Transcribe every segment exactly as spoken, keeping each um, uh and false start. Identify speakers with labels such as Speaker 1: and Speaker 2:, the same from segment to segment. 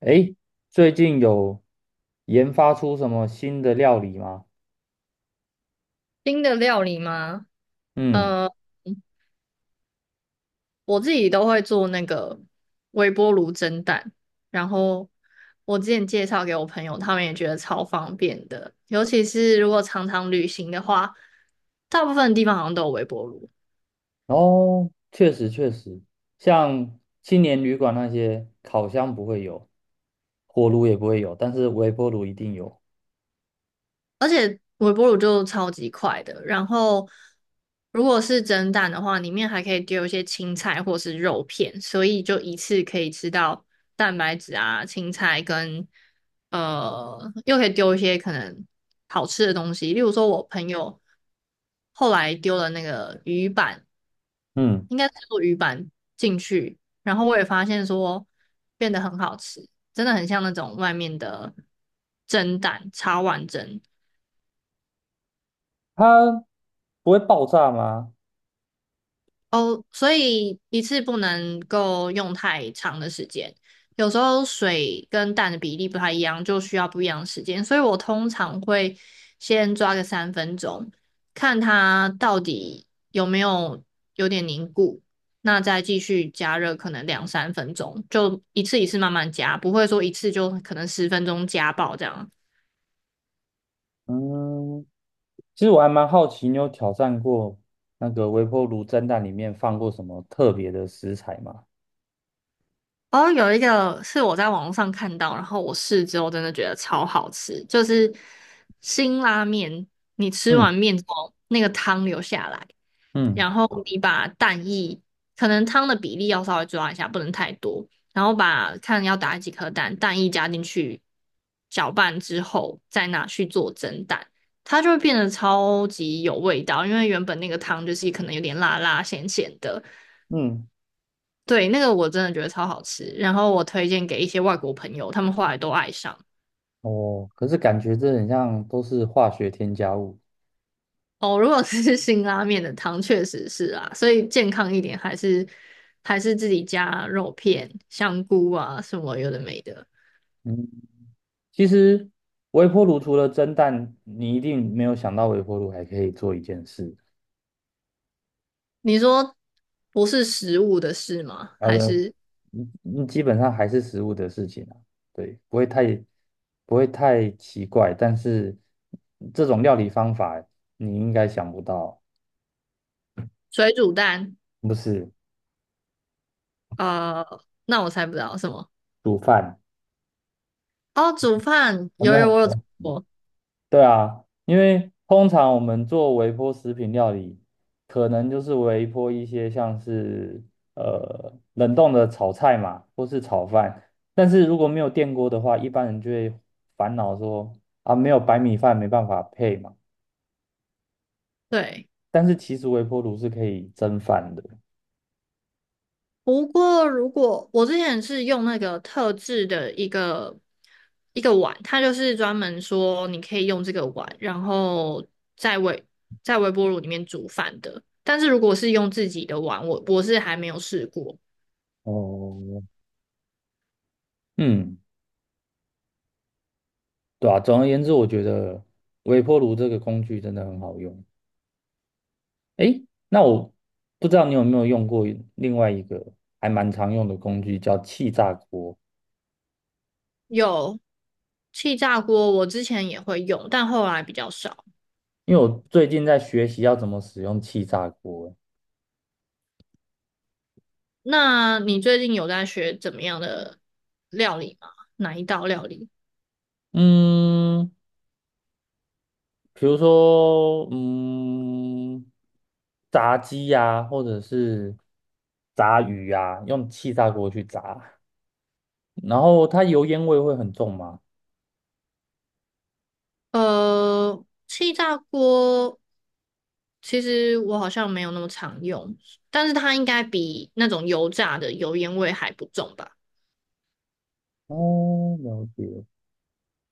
Speaker 1: 诶，最近有研发出什么新的料理吗？
Speaker 2: 新的料理吗？
Speaker 1: 嗯，
Speaker 2: 呃，我自己都会做那个微波炉蒸蛋，然后我之前介绍给我朋友，他们也觉得超方便的，尤其是如果常常旅行的话，大部分地方好像都有微波炉。
Speaker 1: 哦，确实确实，像青年旅馆那些，烤箱不会有，火炉也不会有，但是微波炉一定有。
Speaker 2: 微波炉就超级快的。然后，如果是蒸蛋的话，里面还可以丢一些青菜或是肉片，所以就一次可以吃到蛋白质啊、青菜跟呃，又可以丢一些可能好吃的东西，例如说我朋友后来丢了那个鱼板，
Speaker 1: 嗯，
Speaker 2: 应该是做鱼板进去，然后我也发现说变得很好吃。真的很像那种外面的蒸蛋，茶碗蒸。
Speaker 1: 它不会爆炸吗？
Speaker 2: 哦，所以一次不能够用太长的时间，有时候水跟蛋的比例不太一样，就需要不一样的时间，所以我通常会先抓个三分钟，看它到底有没有有点凝固，那再继续加热，可能两三分钟，就一次一次慢慢加，不会说一次就可能十分钟加爆这样。
Speaker 1: 嗯，其实我还蛮好奇，你有挑战过那个微波炉蒸蛋里面放过什么特别的食材吗？
Speaker 2: 哦，有一个是我在网络上看到，然后我试之后真的觉得超好吃，就是辛拉面，你吃
Speaker 1: 嗯
Speaker 2: 完面之后，那个汤留下来，
Speaker 1: 嗯
Speaker 2: 然后你把蛋液，可能汤的比例要稍微抓一下，不能太多，然后把看要打几颗蛋，蛋液加进去，搅拌之后再拿去做蒸蛋，它就会变得超级有味道，因为原本那个汤就是可能有点辣辣咸咸的。
Speaker 1: 嗯，
Speaker 2: 对，那个我真的觉得超好吃，然后我推荐给一些外国朋友，他们后来都爱上。
Speaker 1: 哦，可是感觉这很像都是化学添加物。
Speaker 2: 哦，如果是 辛拉面的汤，确实是啊，所以健康一点还是还是自己加肉片、香菇啊什么有的没的。
Speaker 1: 嗯，其实微波炉除了蒸蛋，你一定没有想到微波炉还可以做一件事，
Speaker 2: 你说不是食物的事吗？
Speaker 1: 然后
Speaker 2: 还
Speaker 1: 呢，
Speaker 2: 是
Speaker 1: 嗯嗯基本上还是食物的事情啊，对，不会太不会太奇怪，但是这种料理方法你应该想不到，
Speaker 2: 水煮蛋？
Speaker 1: 不是
Speaker 2: 呃，那我猜不到什么。
Speaker 1: 煮饭，
Speaker 2: 哦，煮饭，
Speaker 1: 有
Speaker 2: 有
Speaker 1: 没
Speaker 2: 有我有
Speaker 1: 有？
Speaker 2: 做过，
Speaker 1: 对啊，因为通常我们做微波食品料理，可能就是微波一些像是呃冷冻的炒菜嘛，或是炒饭。但是如果没有电锅的话，一般人就会烦恼说啊，没有白米饭没办法配嘛。
Speaker 2: 对。
Speaker 1: 但是其实微波炉是可以蒸饭的。
Speaker 2: 不过，如果我之前是用那个特制的一个一个碗，它就是专门说你可以用这个碗，然后在微在微波炉里面煮饭的。但是如果是用自己的碗，我我是还没有试过。
Speaker 1: 哦，嗯，对啊，总而言之，我觉得微波炉这个工具真的很好用。诶，那我不知道你有没有用过另外一个还蛮常用的工具，叫气炸锅。
Speaker 2: 有气炸锅，我之前也会用，但后来比较少。
Speaker 1: 因为我最近在学习要怎么使用气炸锅。
Speaker 2: 那你最近有在学怎么样的料理吗？哪一道料理？
Speaker 1: 嗯，比如说，嗯，炸鸡呀、或者是炸鱼呀、用气炸锅去炸。然后它油烟味会很重吗？
Speaker 2: 呃，气炸锅其实我好像没有那么常用，但是它应该比那种油炸的油烟味还不重吧？
Speaker 1: 哦，了解。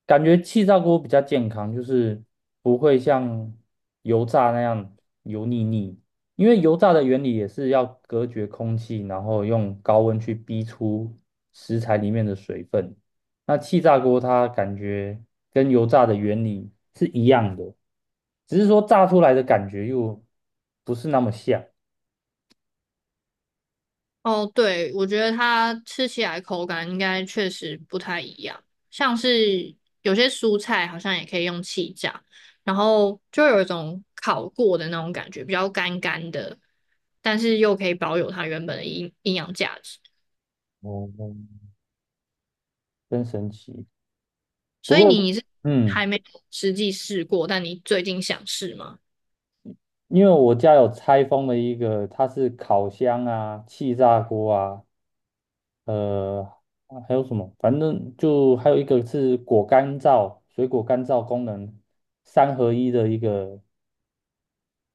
Speaker 1: 感觉气炸锅比较健康，就是不会像油炸那样油腻腻。因为油炸的原理也是要隔绝空气，然后用高温去逼出食材里面的水分。那气炸锅它感觉跟油炸的原理是一样的，只是说炸出来的感觉又不是那么像，
Speaker 2: 哦，对，我觉得它吃起来口感应该确实不太一样，像是有些蔬菜好像也可以用气炸，然后就有一种烤过的那种感觉，比较干干的，但是又可以保有它原本的营营养价值。
Speaker 1: 哦，真神奇。不
Speaker 2: 所以
Speaker 1: 过，
Speaker 2: 你是
Speaker 1: 嗯。
Speaker 2: 还没有实际试过，但你最近想试吗？
Speaker 1: 因为我家有拆封的一个，它是烤箱啊、气炸锅啊，呃，啊还有什么？反正就还有一个是果干燥、水果干燥功能三合一的一个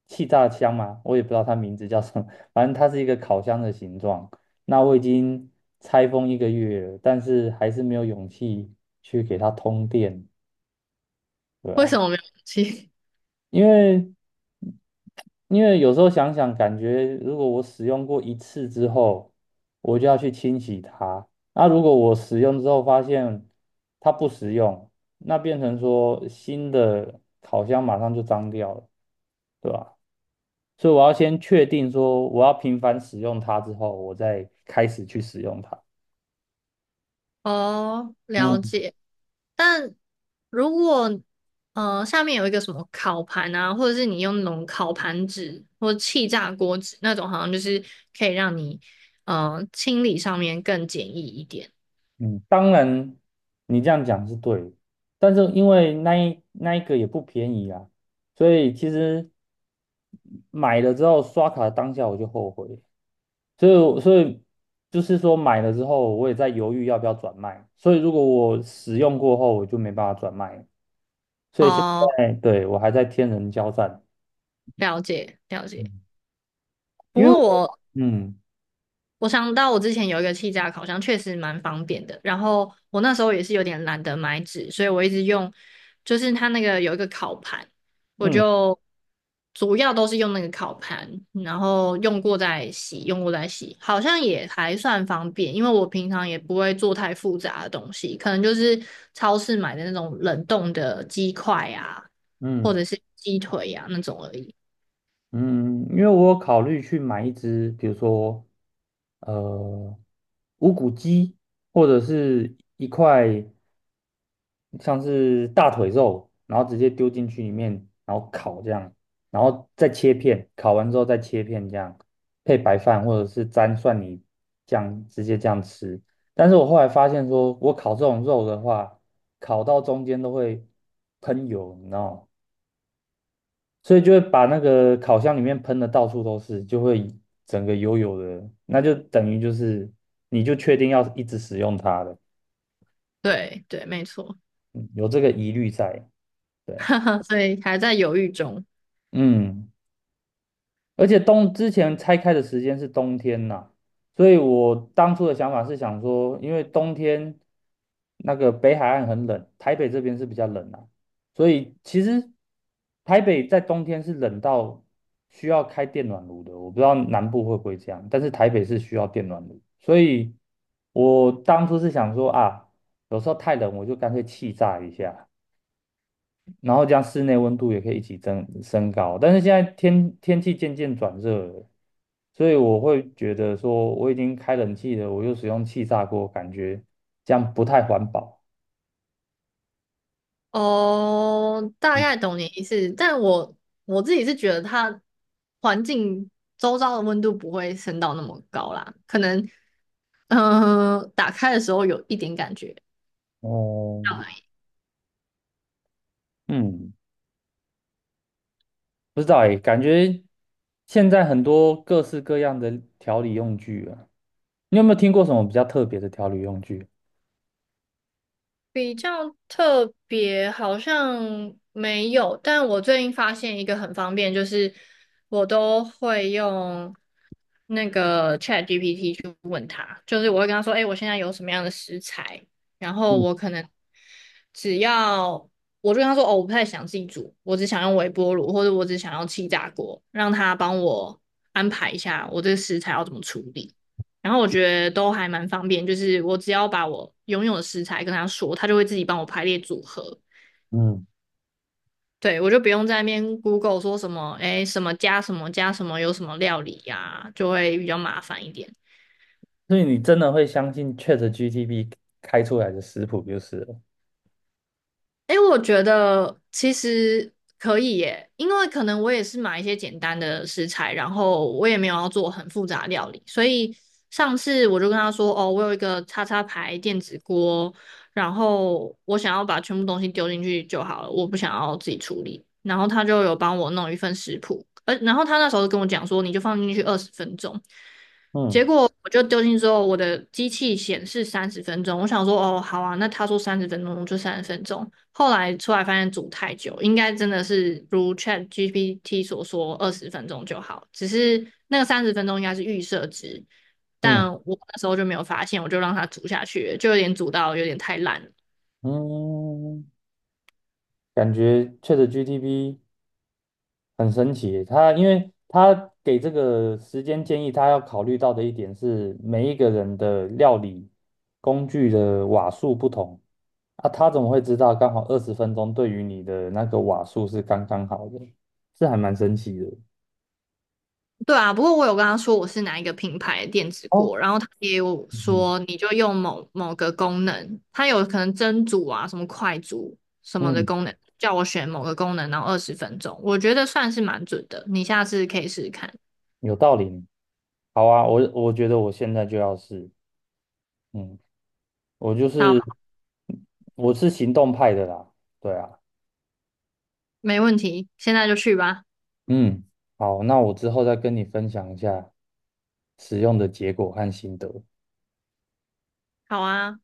Speaker 1: 气炸箱嘛，我也不知道它名字叫什么，反正它是一个烤箱的形状。那我已经拆封一个月了但是还是没有勇气去给它通电，对
Speaker 2: 为什
Speaker 1: 啊。
Speaker 2: 么没有勇气？
Speaker 1: 因为因为有时候想想，感觉如果我使用过一次之后，我就要去清洗它。那如果我使用之后发现它不实用，那变成说新的烤箱马上就脏掉了，对吧？所以我要先确定说我要频繁使用它之后，我再开始去使用它。
Speaker 2: 哦，了
Speaker 1: 嗯
Speaker 2: 解。但如果呃下面有一个什么烤盘啊，或者是你用那种烤盘纸或气炸锅纸那种，好像就是可以让你呃清理上面更简易一点。
Speaker 1: 嗯，当然，你这样讲是对的。但是因为那一那一个也不便宜啊，所以其实买了之后刷卡当下我就后悔了所以我所以就是说买了之后我也在犹豫要不要转卖，所以如果我使用过后我就没办法转卖了所以现
Speaker 2: 哦，
Speaker 1: 在对我还在天人交战，
Speaker 2: 了解了解。
Speaker 1: 嗯，
Speaker 2: 不
Speaker 1: 因为
Speaker 2: 过
Speaker 1: 我
Speaker 2: 我
Speaker 1: 嗯
Speaker 2: 我想到我之前有一个气炸烤箱，确实蛮方便的。然后我那时候也是有点懒得买纸，所以我一直用，就是它那个有一个烤盘，我
Speaker 1: 嗯
Speaker 2: 就主要都是用那个烤盘，然后用过再洗，用过再洗，好像也还算方便。因为我平常也不会做太复杂的东西，可能就是超市买的那种冷冻的鸡块啊，或
Speaker 1: 嗯。
Speaker 2: 者是鸡腿呀、啊、那种而已。
Speaker 1: 嗯，因为我有考虑去买一只，比如说，呃，无骨鸡，或者是一块像是大腿肉，然后直接丢进去里面，然后烤这样，然后再切片，烤完之后再切片这样，配白饭或者是沾蒜泥酱，直接这样吃。但是我后来发现说，我烤这种肉的话，烤到中间都会喷油，你知道吗？所以就会把那个烤箱里面喷的到处都是，就会整个油油的，那就等于就是你就确定要一直使用它了，
Speaker 2: 对对，没错，
Speaker 1: 嗯有这个疑虑在，对啊，
Speaker 2: 所以还在犹豫中。
Speaker 1: 嗯。而且冬之前拆开的时间是冬天呐、所以我当初的想法是想说，因为冬天那个北海岸很冷，台北这边是比较冷啊，所以其实台北在冬天是冷到需要开电暖炉的，我不知道南部会不会这样，但是台北是需要电暖炉，所以我当初是想说啊，有时候太冷我就干脆气炸一下。然后这样室内温度也可以一起增升高，但是现在天天气渐渐转热了，所以我会觉得说我已经开冷气了，我又使用气炸锅，感觉这样不太环保。
Speaker 2: 哦，大
Speaker 1: 嗯，
Speaker 2: 概懂你意思，但我我自己是觉得它环境周遭的温度不会升到那么高啦，可能嗯、呃打开的时候有一点感觉，
Speaker 1: 哦，嗯，不知道诶，感觉现在很多各式各样的调理用具啊，你有没有听过什么比较特别的调理用具？
Speaker 2: 比较特别好像没有，但我最近发现一个很方便，就是我都会用那个 ChatGPT 去问他，就是我会跟他说，哎、我现在有什么样的食材，然后
Speaker 1: 嗯
Speaker 2: 我可能只要我就跟他说，哦，我不太想自己煮，我只想用微波炉，或者我只想要气炸锅，让他帮我安排一下我这个食材要怎么处理。然后我觉得都还蛮方便，就是我只要把我拥有的食材跟他说，他就会自己帮我排列组合。
Speaker 1: 嗯
Speaker 2: 对，我就不用在那边 Google 说什么，哎，什么加什么加什么有什么料理呀、就会比较麻烦一点。
Speaker 1: 所以你真的会相信 ChatGPT 开出来的食谱就是了。
Speaker 2: 哎，我觉得其实可以耶，因为可能我也是买一些简单的食材，然后我也没有要做很复杂的料理，所以上次我就跟他说，哦，我有一个叉叉牌电子锅，然后我想要把全部东西丢进去就好了，我不想要自己处理。然后他就有帮我弄一份食谱，呃，然后他那时候跟我讲说，你就放进去二十分钟。结
Speaker 1: 嗯
Speaker 2: 果我就丢进去之后，我的机器显示三十分钟，我想说，哦，好啊，那他说三十分钟就三十分钟。后来出来发现煮太久，应该真的是如 Chat G P T 所说二十分钟就好，只是那个三十分钟应该是预设值。
Speaker 1: 嗯，
Speaker 2: 但我那时候就没有发现，我就让它煮下去，就有点煮到有点太烂了。
Speaker 1: 嗯，感觉确实 g t p 很神奇，他因为他给这个时间建议，他要考虑到的一点是每一个人的料理工具的瓦数不同啊，他怎么会知道刚好二十分钟对于你的那个瓦数是刚刚好的？是还蛮神奇的。
Speaker 2: 对啊，不过我有跟他说我是哪一个品牌的电子
Speaker 1: 哦，
Speaker 2: 锅，然后他也有
Speaker 1: 嗯
Speaker 2: 说你就用某某个功能，它有可能蒸煮啊、什么快煮什么的
Speaker 1: 嗯，
Speaker 2: 功能，叫我选某个功能，然后二十分钟，我觉得算是蛮准的，你下次可以试试看。
Speaker 1: 有道理。好啊，我我觉得我现在就要试。嗯，我就是
Speaker 2: 好，
Speaker 1: 我是行动派的啦，对啊。
Speaker 2: 没问题，现在就去吧。
Speaker 1: 嗯，好，那我之后再跟你分享一下使用的结果和心得。
Speaker 2: 好啊。